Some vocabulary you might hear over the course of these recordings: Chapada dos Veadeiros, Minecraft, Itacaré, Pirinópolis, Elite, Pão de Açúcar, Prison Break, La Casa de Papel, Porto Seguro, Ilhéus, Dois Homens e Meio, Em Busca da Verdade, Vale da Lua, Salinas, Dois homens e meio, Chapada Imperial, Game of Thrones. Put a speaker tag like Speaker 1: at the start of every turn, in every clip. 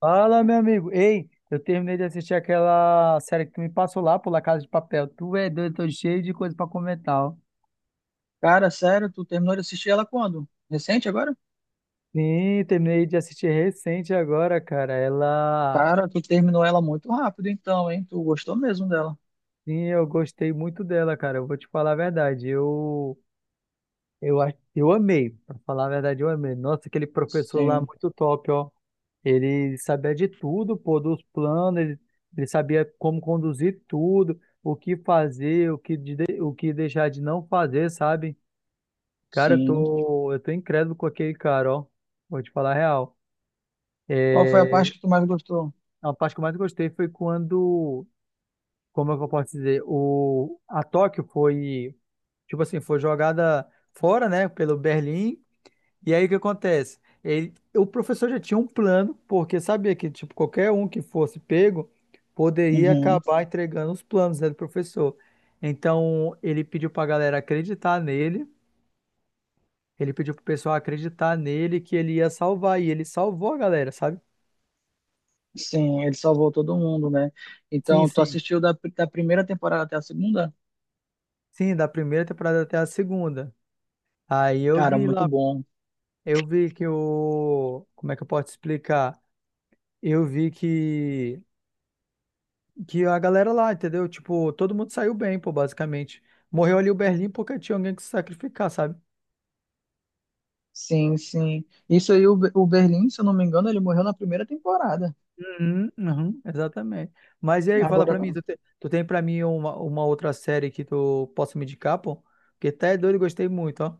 Speaker 1: Fala, meu amigo. Ei, eu terminei de assistir aquela série que tu me passou lá, por La Casa de Papel. Tu é doido, tô cheio de coisa pra comentar, ó.
Speaker 2: Cara, sério, tu terminou de assistir ela quando? Recente agora?
Speaker 1: Sim, terminei de assistir recente agora, cara. Ela,
Speaker 2: Cara, tu terminou ela muito rápido, então, hein? Tu gostou mesmo dela?
Speaker 1: sim, eu gostei muito dela, cara. Eu vou te falar a verdade. Eu amei, pra falar a verdade, eu amei. Nossa, aquele professor lá
Speaker 2: Sim,
Speaker 1: muito top, ó. Ele sabia de tudo, pô, dos planos, ele sabia como conduzir tudo, o que fazer, o que deixar de não fazer, sabe? Cara, eu
Speaker 2: sim.
Speaker 1: tô, eu tô incrédulo com aquele cara, ó. Vou te falar a real.
Speaker 2: Qual foi a
Speaker 1: É,
Speaker 2: parte que tu mais gostou?
Speaker 1: a parte que eu mais gostei foi quando, como é que eu posso dizer, a Tóquio tipo assim, foi jogada fora, né, pelo Berlim. E aí o que acontece? O professor já tinha um plano, porque sabia que, tipo, qualquer um que fosse pego poderia
Speaker 2: Uhum.
Speaker 1: acabar entregando os planos, né, do professor. Então, ele pediu pra galera acreditar nele. Ele pediu pro pessoal acreditar nele que ele ia salvar, e ele salvou a galera, sabe?
Speaker 2: Sim, ele salvou todo mundo, né?
Speaker 1: Sim,
Speaker 2: Então, tu
Speaker 1: sim.
Speaker 2: assistiu da primeira temporada até a segunda?
Speaker 1: Sim, da primeira temporada até a segunda. Aí eu
Speaker 2: Cara,
Speaker 1: vi
Speaker 2: muito
Speaker 1: lá,
Speaker 2: bom.
Speaker 1: eu vi que o. Como é que eu posso explicar? Eu vi que. Que a galera lá, entendeu? Tipo, todo mundo saiu bem, pô, basicamente. Morreu ali o Berlim porque tinha alguém que se sacrificar, sabe?
Speaker 2: Sim, sim. Isso aí, o Berlim, se eu não me engano, ele morreu na primeira temporada.
Speaker 1: Uhum, uhum. Exatamente. Mas e aí, fala
Speaker 2: Agora
Speaker 1: pra mim,
Speaker 2: não.
Speaker 1: tu tem pra mim uma outra série que tu possa me indicar, pô? Porque até é doido, gostei muito, ó.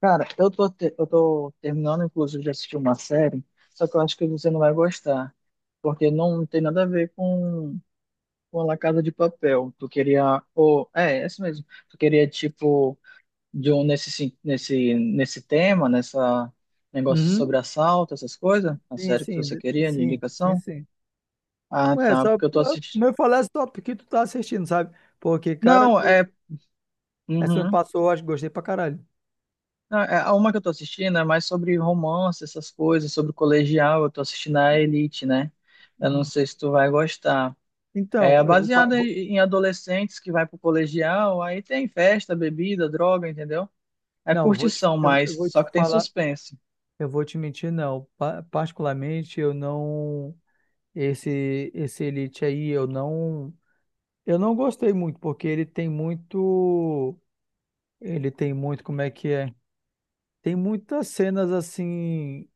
Speaker 2: Cara, eu tô terminando, inclusive, de assistir uma série, só que eu acho que você não vai gostar. Porque não tem nada a ver com a La Casa de Papel. Tu queria. Ou, é isso mesmo. Tu queria, tipo, de um, nesse tema, nessa negócio
Speaker 1: Uhum.
Speaker 2: sobre assalto, essas coisas? A
Speaker 1: Sim,
Speaker 2: série que
Speaker 1: sim,
Speaker 2: você queria, de
Speaker 1: sim, sim,
Speaker 2: indicação?
Speaker 1: sim.
Speaker 2: Ah,
Speaker 1: Ué,
Speaker 2: tá.
Speaker 1: só
Speaker 2: Porque eu tô assistindo.
Speaker 1: meu falar esse que tu tá assistindo, sabe? Porque, cara,
Speaker 2: Não, é.
Speaker 1: essa me
Speaker 2: Uhum.
Speaker 1: passou, eu acho que gostei pra caralho.
Speaker 2: Não, é, a uma que eu tô assistindo é mais sobre romance, essas coisas, sobre colegial. Eu tô assistindo a Elite, né? Eu não
Speaker 1: Uhum.
Speaker 2: sei se tu vai gostar. É
Speaker 1: Então, eu vou, pa-
Speaker 2: baseada
Speaker 1: vou-
Speaker 2: em adolescentes que vai pro colegial, aí tem festa, bebida, droga, entendeu? É
Speaker 1: não, eu vou te,
Speaker 2: curtição,
Speaker 1: eu,
Speaker 2: mas
Speaker 1: eu vou
Speaker 2: só
Speaker 1: te
Speaker 2: que tem
Speaker 1: falar,
Speaker 2: suspense.
Speaker 1: eu vou te mentir, não. Particularmente, eu não, esse Elite aí, eu não gostei muito, porque ele tem muito, como é que é? Tem muitas cenas, assim,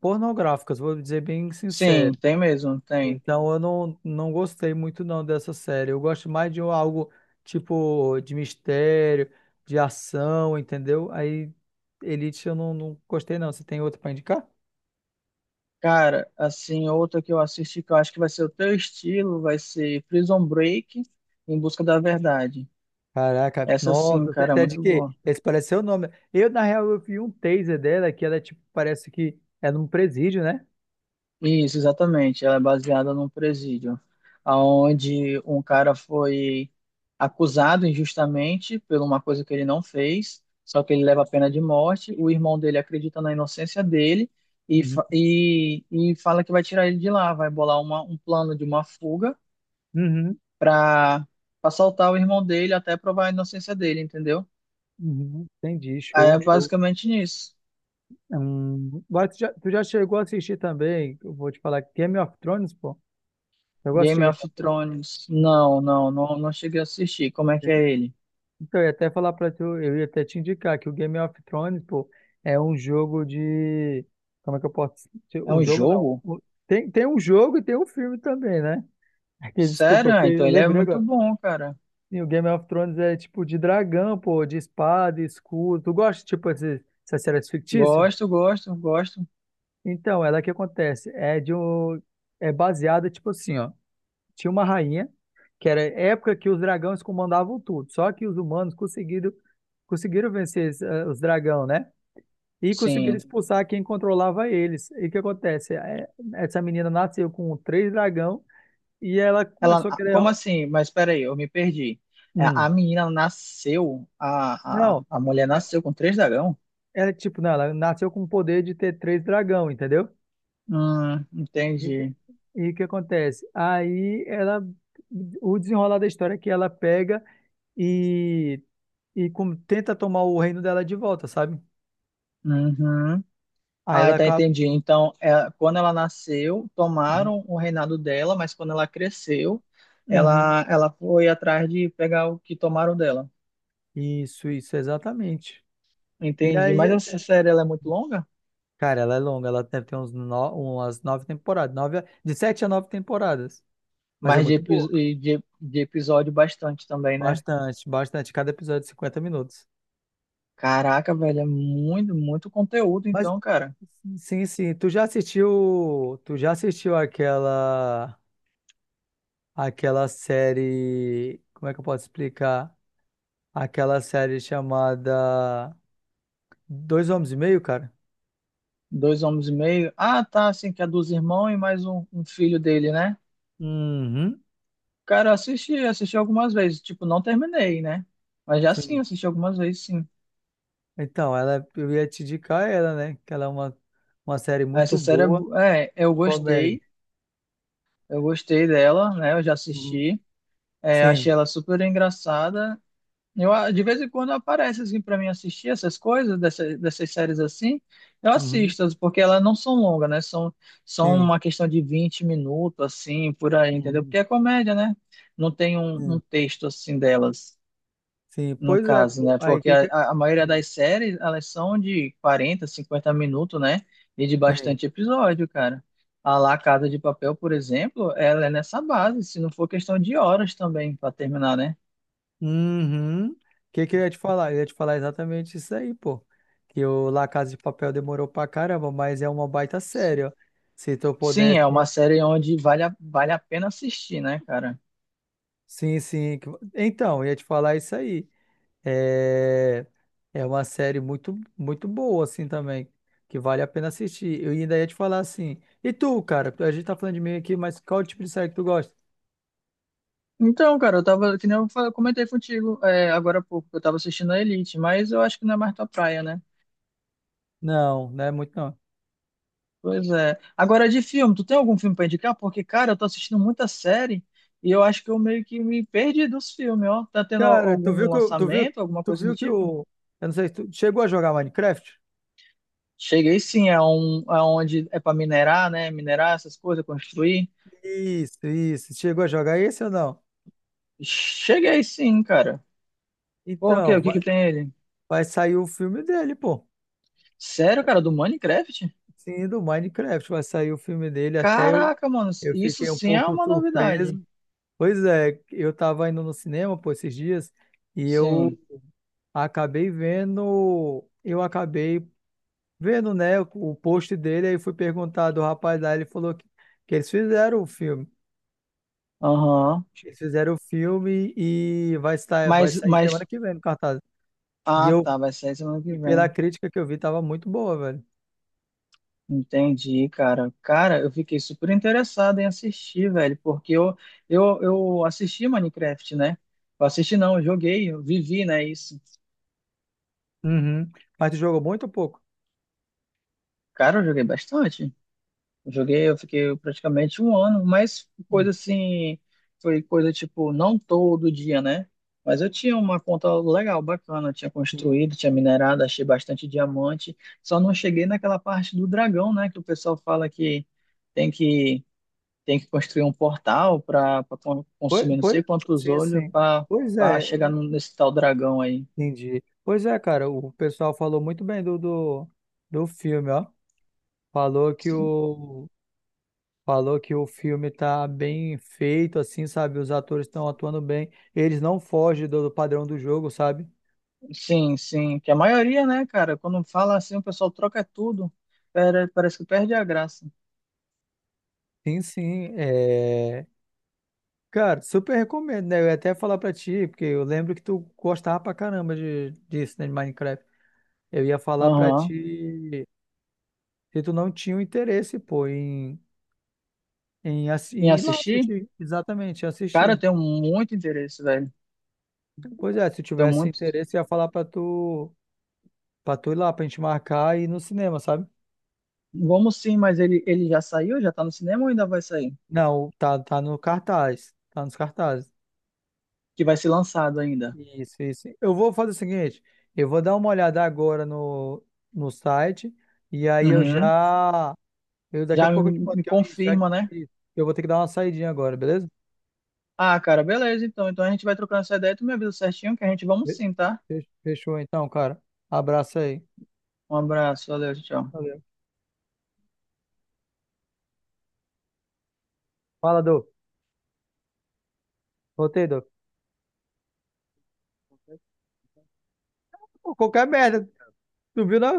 Speaker 1: pornográficas, vou dizer bem
Speaker 2: Sim,
Speaker 1: sincero.
Speaker 2: tem mesmo, tem.
Speaker 1: Então eu não gostei muito não dessa série. Eu gosto mais de algo tipo de mistério, de ação, entendeu? Aí Elite eu não gostei não. Você tem outro pra indicar?
Speaker 2: Cara, assim, outra que eu assisti que eu acho que vai ser o teu estilo, vai ser Prison Break, Em Busca da Verdade.
Speaker 1: Caraca,
Speaker 2: Essa
Speaker 1: nossa,
Speaker 2: sim,
Speaker 1: você
Speaker 2: cara, é
Speaker 1: até de
Speaker 2: muito
Speaker 1: quê?
Speaker 2: boa.
Speaker 1: Esse parece seu nome. Na real, eu vi um taser dela, que ela, é, tipo, parece que é num presídio, né?
Speaker 2: Isso, exatamente. Ela é baseada num presídio, onde um cara foi acusado injustamente por uma coisa que ele não fez, só que ele leva a pena de morte. O irmão dele acredita na inocência dele e,
Speaker 1: Uhum.
Speaker 2: fa- e, e fala que vai tirar ele de lá, vai bolar um plano de uma fuga
Speaker 1: Uhum,
Speaker 2: para assaltar o irmão dele até provar a inocência dele, entendeu?
Speaker 1: uhum. Entendi,
Speaker 2: Aí
Speaker 1: show,
Speaker 2: é
Speaker 1: show.
Speaker 2: basicamente nisso.
Speaker 1: Mas tu já chegou a assistir também, eu vou te falar, Game of Thrones, pô? Eu gosto de
Speaker 2: Game
Speaker 1: Game
Speaker 2: of
Speaker 1: of
Speaker 2: Thrones. Não, não, não, não cheguei a assistir. Como é que
Speaker 1: Thrones.
Speaker 2: é ele?
Speaker 1: Então, eu ia até falar pra tu, eu ia até te indicar que o Game of Thrones, pô, é um jogo de. Como é que eu posso dizer?
Speaker 2: É
Speaker 1: Um
Speaker 2: um
Speaker 1: jogo não.
Speaker 2: jogo?
Speaker 1: Tem um jogo e tem um filme também, né? Aqui, desculpa,
Speaker 2: Sério? Ah,
Speaker 1: porque
Speaker 2: então
Speaker 1: eu
Speaker 2: ele é
Speaker 1: lembrei
Speaker 2: muito
Speaker 1: agora.
Speaker 2: bom, cara.
Speaker 1: Sim, o Game of Thrones é tipo de dragão, pô, de espada, escudo. Tu gosta, tipo, essas séries fictícias?
Speaker 2: Gosto, gosto, gosto.
Speaker 1: Então, ela é que acontece. É de um. É baseada, tipo assim, ó. Tinha uma rainha, que era época que os dragões comandavam tudo. Só que os humanos conseguiram vencer os dragões, né? E conseguiram
Speaker 2: Sim.
Speaker 1: expulsar quem controlava eles. E o que acontece? Essa menina nasceu com três dragão e ela
Speaker 2: Ela,
Speaker 1: começou a
Speaker 2: ah,
Speaker 1: querer.
Speaker 2: como assim? Mas peraí, eu me perdi. A
Speaker 1: Hum.
Speaker 2: a menina nasceu, a, a,
Speaker 1: Não,
Speaker 2: a mulher
Speaker 1: é,
Speaker 2: nasceu com três dragão?
Speaker 1: ela tipo, não, ela nasceu com o poder de ter três dragão, entendeu? E o que
Speaker 2: Entendi.
Speaker 1: e o que acontece? Aí ela. O desenrolar da história é que ela pega e, e tenta tomar o reino dela de volta, sabe?
Speaker 2: Uhum.
Speaker 1: Aí
Speaker 2: Ah,
Speaker 1: ela
Speaker 2: tá,
Speaker 1: acaba.
Speaker 2: entendi. Então, é, quando ela nasceu,
Speaker 1: Uhum,
Speaker 2: tomaram o reinado dela, mas quando ela cresceu,
Speaker 1: uhum.
Speaker 2: ela foi atrás de pegar o que tomaram dela.
Speaker 1: Isso, exatamente. E
Speaker 2: Entendi.
Speaker 1: aí,
Speaker 2: Mas essa série, ela é muito longa?
Speaker 1: cara, ela é longa, ela deve ter uns no- umas nove temporadas, de sete a nove temporadas. Mas é
Speaker 2: Mas de,
Speaker 1: muito boa.
Speaker 2: epi- de, de episódio bastante também, né?
Speaker 1: Bastante, bastante. Cada episódio de 50 minutos.
Speaker 2: Caraca, velho, é muito, muito conteúdo,
Speaker 1: Mas,
Speaker 2: então, cara.
Speaker 1: sim, sim. Tu já assistiu. Tu já assistiu aquela. Aquela série. Como é que eu posso explicar? Aquela série chamada Dois Homens e Meio, cara?
Speaker 2: Dois homens e meio. Ah, tá, assim, que é dos irmãos e mais um filho dele, né?
Speaker 1: Uhum.
Speaker 2: Cara, eu assisti algumas vezes. Tipo, não terminei, né? Mas já sim,
Speaker 1: Sim.
Speaker 2: assisti algumas vezes, sim.
Speaker 1: Então, ela, eu ia te indicar ela, né? Que ela é uma série
Speaker 2: Essa
Speaker 1: muito
Speaker 2: série,
Speaker 1: boa
Speaker 2: eu
Speaker 1: de comédia.
Speaker 2: gostei. Eu gostei dela, né? Eu já
Speaker 1: Uhum.
Speaker 2: assisti. É,
Speaker 1: Sim,
Speaker 2: achei ela super engraçada. Eu, ah, de vez em quando aparece assim para mim assistir essas coisas, dessas séries assim. Eu
Speaker 1: uhum.
Speaker 2: assisto, porque elas não são longas, né? São
Speaker 1: Sim,
Speaker 2: uma questão de 20 minutos, assim, por aí, entendeu?
Speaker 1: uhum.
Speaker 2: Porque é comédia, né? Não tem um,
Speaker 1: Sim,
Speaker 2: um texto assim delas,
Speaker 1: sim.
Speaker 2: no
Speaker 1: Pois é,
Speaker 2: caso,
Speaker 1: pô.
Speaker 2: né?
Speaker 1: Aí
Speaker 2: Porque
Speaker 1: que
Speaker 2: a,
Speaker 1: que...
Speaker 2: a a maioria
Speaker 1: Hum.
Speaker 2: das séries, elas são de 40 50 minutos, né? E de
Speaker 1: Sim.
Speaker 2: bastante episódio, cara. A lá Casa de Papel, por exemplo, ela é nessa base, se não for questão de horas também para terminar, né?
Speaker 1: Uhum. O que que eu ia te falar? Eu ia te falar exatamente isso aí, pô. Que o La Casa de Papel demorou pra caramba, mas é uma baita série, ó. Se tu
Speaker 2: Sim, é uma
Speaker 1: pudesse...
Speaker 2: série onde vale a pena assistir, né, cara?
Speaker 1: Sim, sim. Então, eu ia te falar isso aí. É, é uma série muito, muito boa, assim, também, que vale a pena assistir. Eu ainda ia te falar assim, e tu, cara? A gente tá falando de mim aqui, mas qual tipo de série que tu gosta?
Speaker 2: Então, cara, eu tava, que nem eu comentei contigo é, agora há pouco, que eu tava assistindo a Elite, mas eu acho que não é mais tua praia, né?
Speaker 1: Não, não é muito não.
Speaker 2: Pois é. Agora, de filme, tu tem algum filme pra indicar? Porque, cara, eu tô assistindo muita série e eu acho que eu meio que me perdi dos filmes, ó. Tá tendo al-
Speaker 1: Cara,
Speaker 2: algum
Speaker 1: tu viu,
Speaker 2: lançamento, alguma
Speaker 1: tu
Speaker 2: coisa do
Speaker 1: viu que
Speaker 2: tipo?
Speaker 1: o, eu não sei, tu chegou a jogar Minecraft?
Speaker 2: Cheguei sim, é um, é onde é pra minerar, né? Minerar essas coisas, construir.
Speaker 1: Isso, isso. Chegou a jogar esse ou não?
Speaker 2: Cheguei sim, cara. Por quê? O
Speaker 1: Então,
Speaker 2: que que
Speaker 1: vai,
Speaker 2: tem ele?
Speaker 1: vai sair o filme dele, pô.
Speaker 2: Sério, cara, do Minecraft?
Speaker 1: Sim, do Minecraft, vai sair o filme dele. Até eu,
Speaker 2: Caraca, mano,
Speaker 1: eu
Speaker 2: isso
Speaker 1: fiquei um
Speaker 2: sim é
Speaker 1: pouco
Speaker 2: uma
Speaker 1: surpreso.
Speaker 2: novidade.
Speaker 1: Pois é, eu tava indo no cinema por esses dias e eu
Speaker 2: Sim.
Speaker 1: acabei vendo, né, o post dele, aí fui perguntar do rapaz lá, ele falou que eles fizeram o filme.
Speaker 2: Aham.
Speaker 1: Eles fizeram o filme e vai
Speaker 2: Mas,
Speaker 1: sair semana
Speaker 2: mas.
Speaker 1: que vem no cartaz. E
Speaker 2: Ah,
Speaker 1: eu,
Speaker 2: tá, vai sair semana que
Speaker 1: e pela
Speaker 2: vem.
Speaker 1: crítica que eu vi, tava muito boa, velho.
Speaker 2: Entendi, cara. Cara, eu fiquei super interessado em assistir, velho, porque eu assisti Minecraft, né? Eu assisti, não, eu joguei, eu vivi, né? Isso.
Speaker 1: Uhum. Mas tu jogou muito ou pouco?
Speaker 2: Cara, eu joguei bastante. Joguei, eu fiquei praticamente um ano, mas
Speaker 1: Hum.
Speaker 2: coisa assim, foi coisa tipo, não todo dia, né? Mas eu tinha uma conta legal, bacana, eu tinha construído, tinha minerado, achei bastante diamante, só não cheguei naquela parte do dragão, né? Que o pessoal fala que tem que, tem que construir um portal para
Speaker 1: Pois,
Speaker 2: consumir não
Speaker 1: pois,
Speaker 2: sei quantos
Speaker 1: sim,
Speaker 2: olhos
Speaker 1: sim. Pois
Speaker 2: para
Speaker 1: é,
Speaker 2: chegar nesse tal dragão aí.
Speaker 1: entendi. Pois é, cara, o pessoal falou muito bem do filme, ó. Falou que
Speaker 2: Sim,
Speaker 1: o, falou que o filme tá bem feito, assim, sabe? Os atores estão atuando bem. Eles não fogem do padrão do jogo, sabe?
Speaker 2: sim, sim, que a maioria, né, cara, quando fala assim, o pessoal troca tudo, parece que perde a graça.
Speaker 1: Sim, sim. Cara, super recomendo, né? Eu ia até falar pra ti, porque eu lembro que tu gostava pra caramba disso, né, de Minecraft. Eu ia falar pra
Speaker 2: Aham.
Speaker 1: ti se tu não tinha o interesse, pô, em, em, assi-
Speaker 2: Em
Speaker 1: em ir lá
Speaker 2: assistir?
Speaker 1: assistir. Exatamente,
Speaker 2: Cara, eu
Speaker 1: assistir.
Speaker 2: tenho muito interesse, velho.
Speaker 1: Pois é, se
Speaker 2: Tenho
Speaker 1: tivesse
Speaker 2: muito.
Speaker 1: interesse, eu ia falar pra tu, ir lá, pra gente marcar e ir no cinema, sabe?
Speaker 2: Vamos sim, mas ele já saiu? Já tá no cinema ou ainda vai sair?
Speaker 1: Não, tá no cartaz. Tá nos cartazes.
Speaker 2: Que vai ser lançado ainda.
Speaker 1: Isso, isso. Eu vou fazer o seguinte, eu vou dar uma olhada agora no site e aí
Speaker 2: Uhum.
Speaker 1: eu daqui a
Speaker 2: Já me,
Speaker 1: pouco eu te mando.
Speaker 2: me
Speaker 1: Isso, já,
Speaker 2: confirma, né?
Speaker 1: isso. Eu vou ter que dar uma saidinha agora, beleza?
Speaker 2: Ah, cara, beleza, então. Então a gente vai trocando essa ideia. Tu me avisa certinho que a gente vamos
Speaker 1: Fe-
Speaker 2: sim, tá?
Speaker 1: Fechou então, cara. Abraço aí.
Speaker 2: Um abraço, valeu, tchau.
Speaker 1: Valeu. Fala, Dô. Voltei, Dô. Pô, qualquer merda. Tu viu não?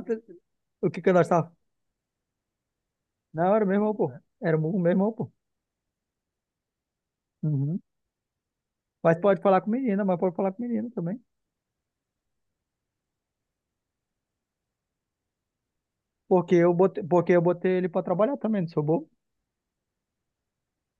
Speaker 1: O que que nós tá... Não, era o meu irmão, pô. Era o meu pô. Uhum. Mas pode falar com menina, mas pode falar com menina também. Porque eu botei ele pra trabalhar também, não sou bobo.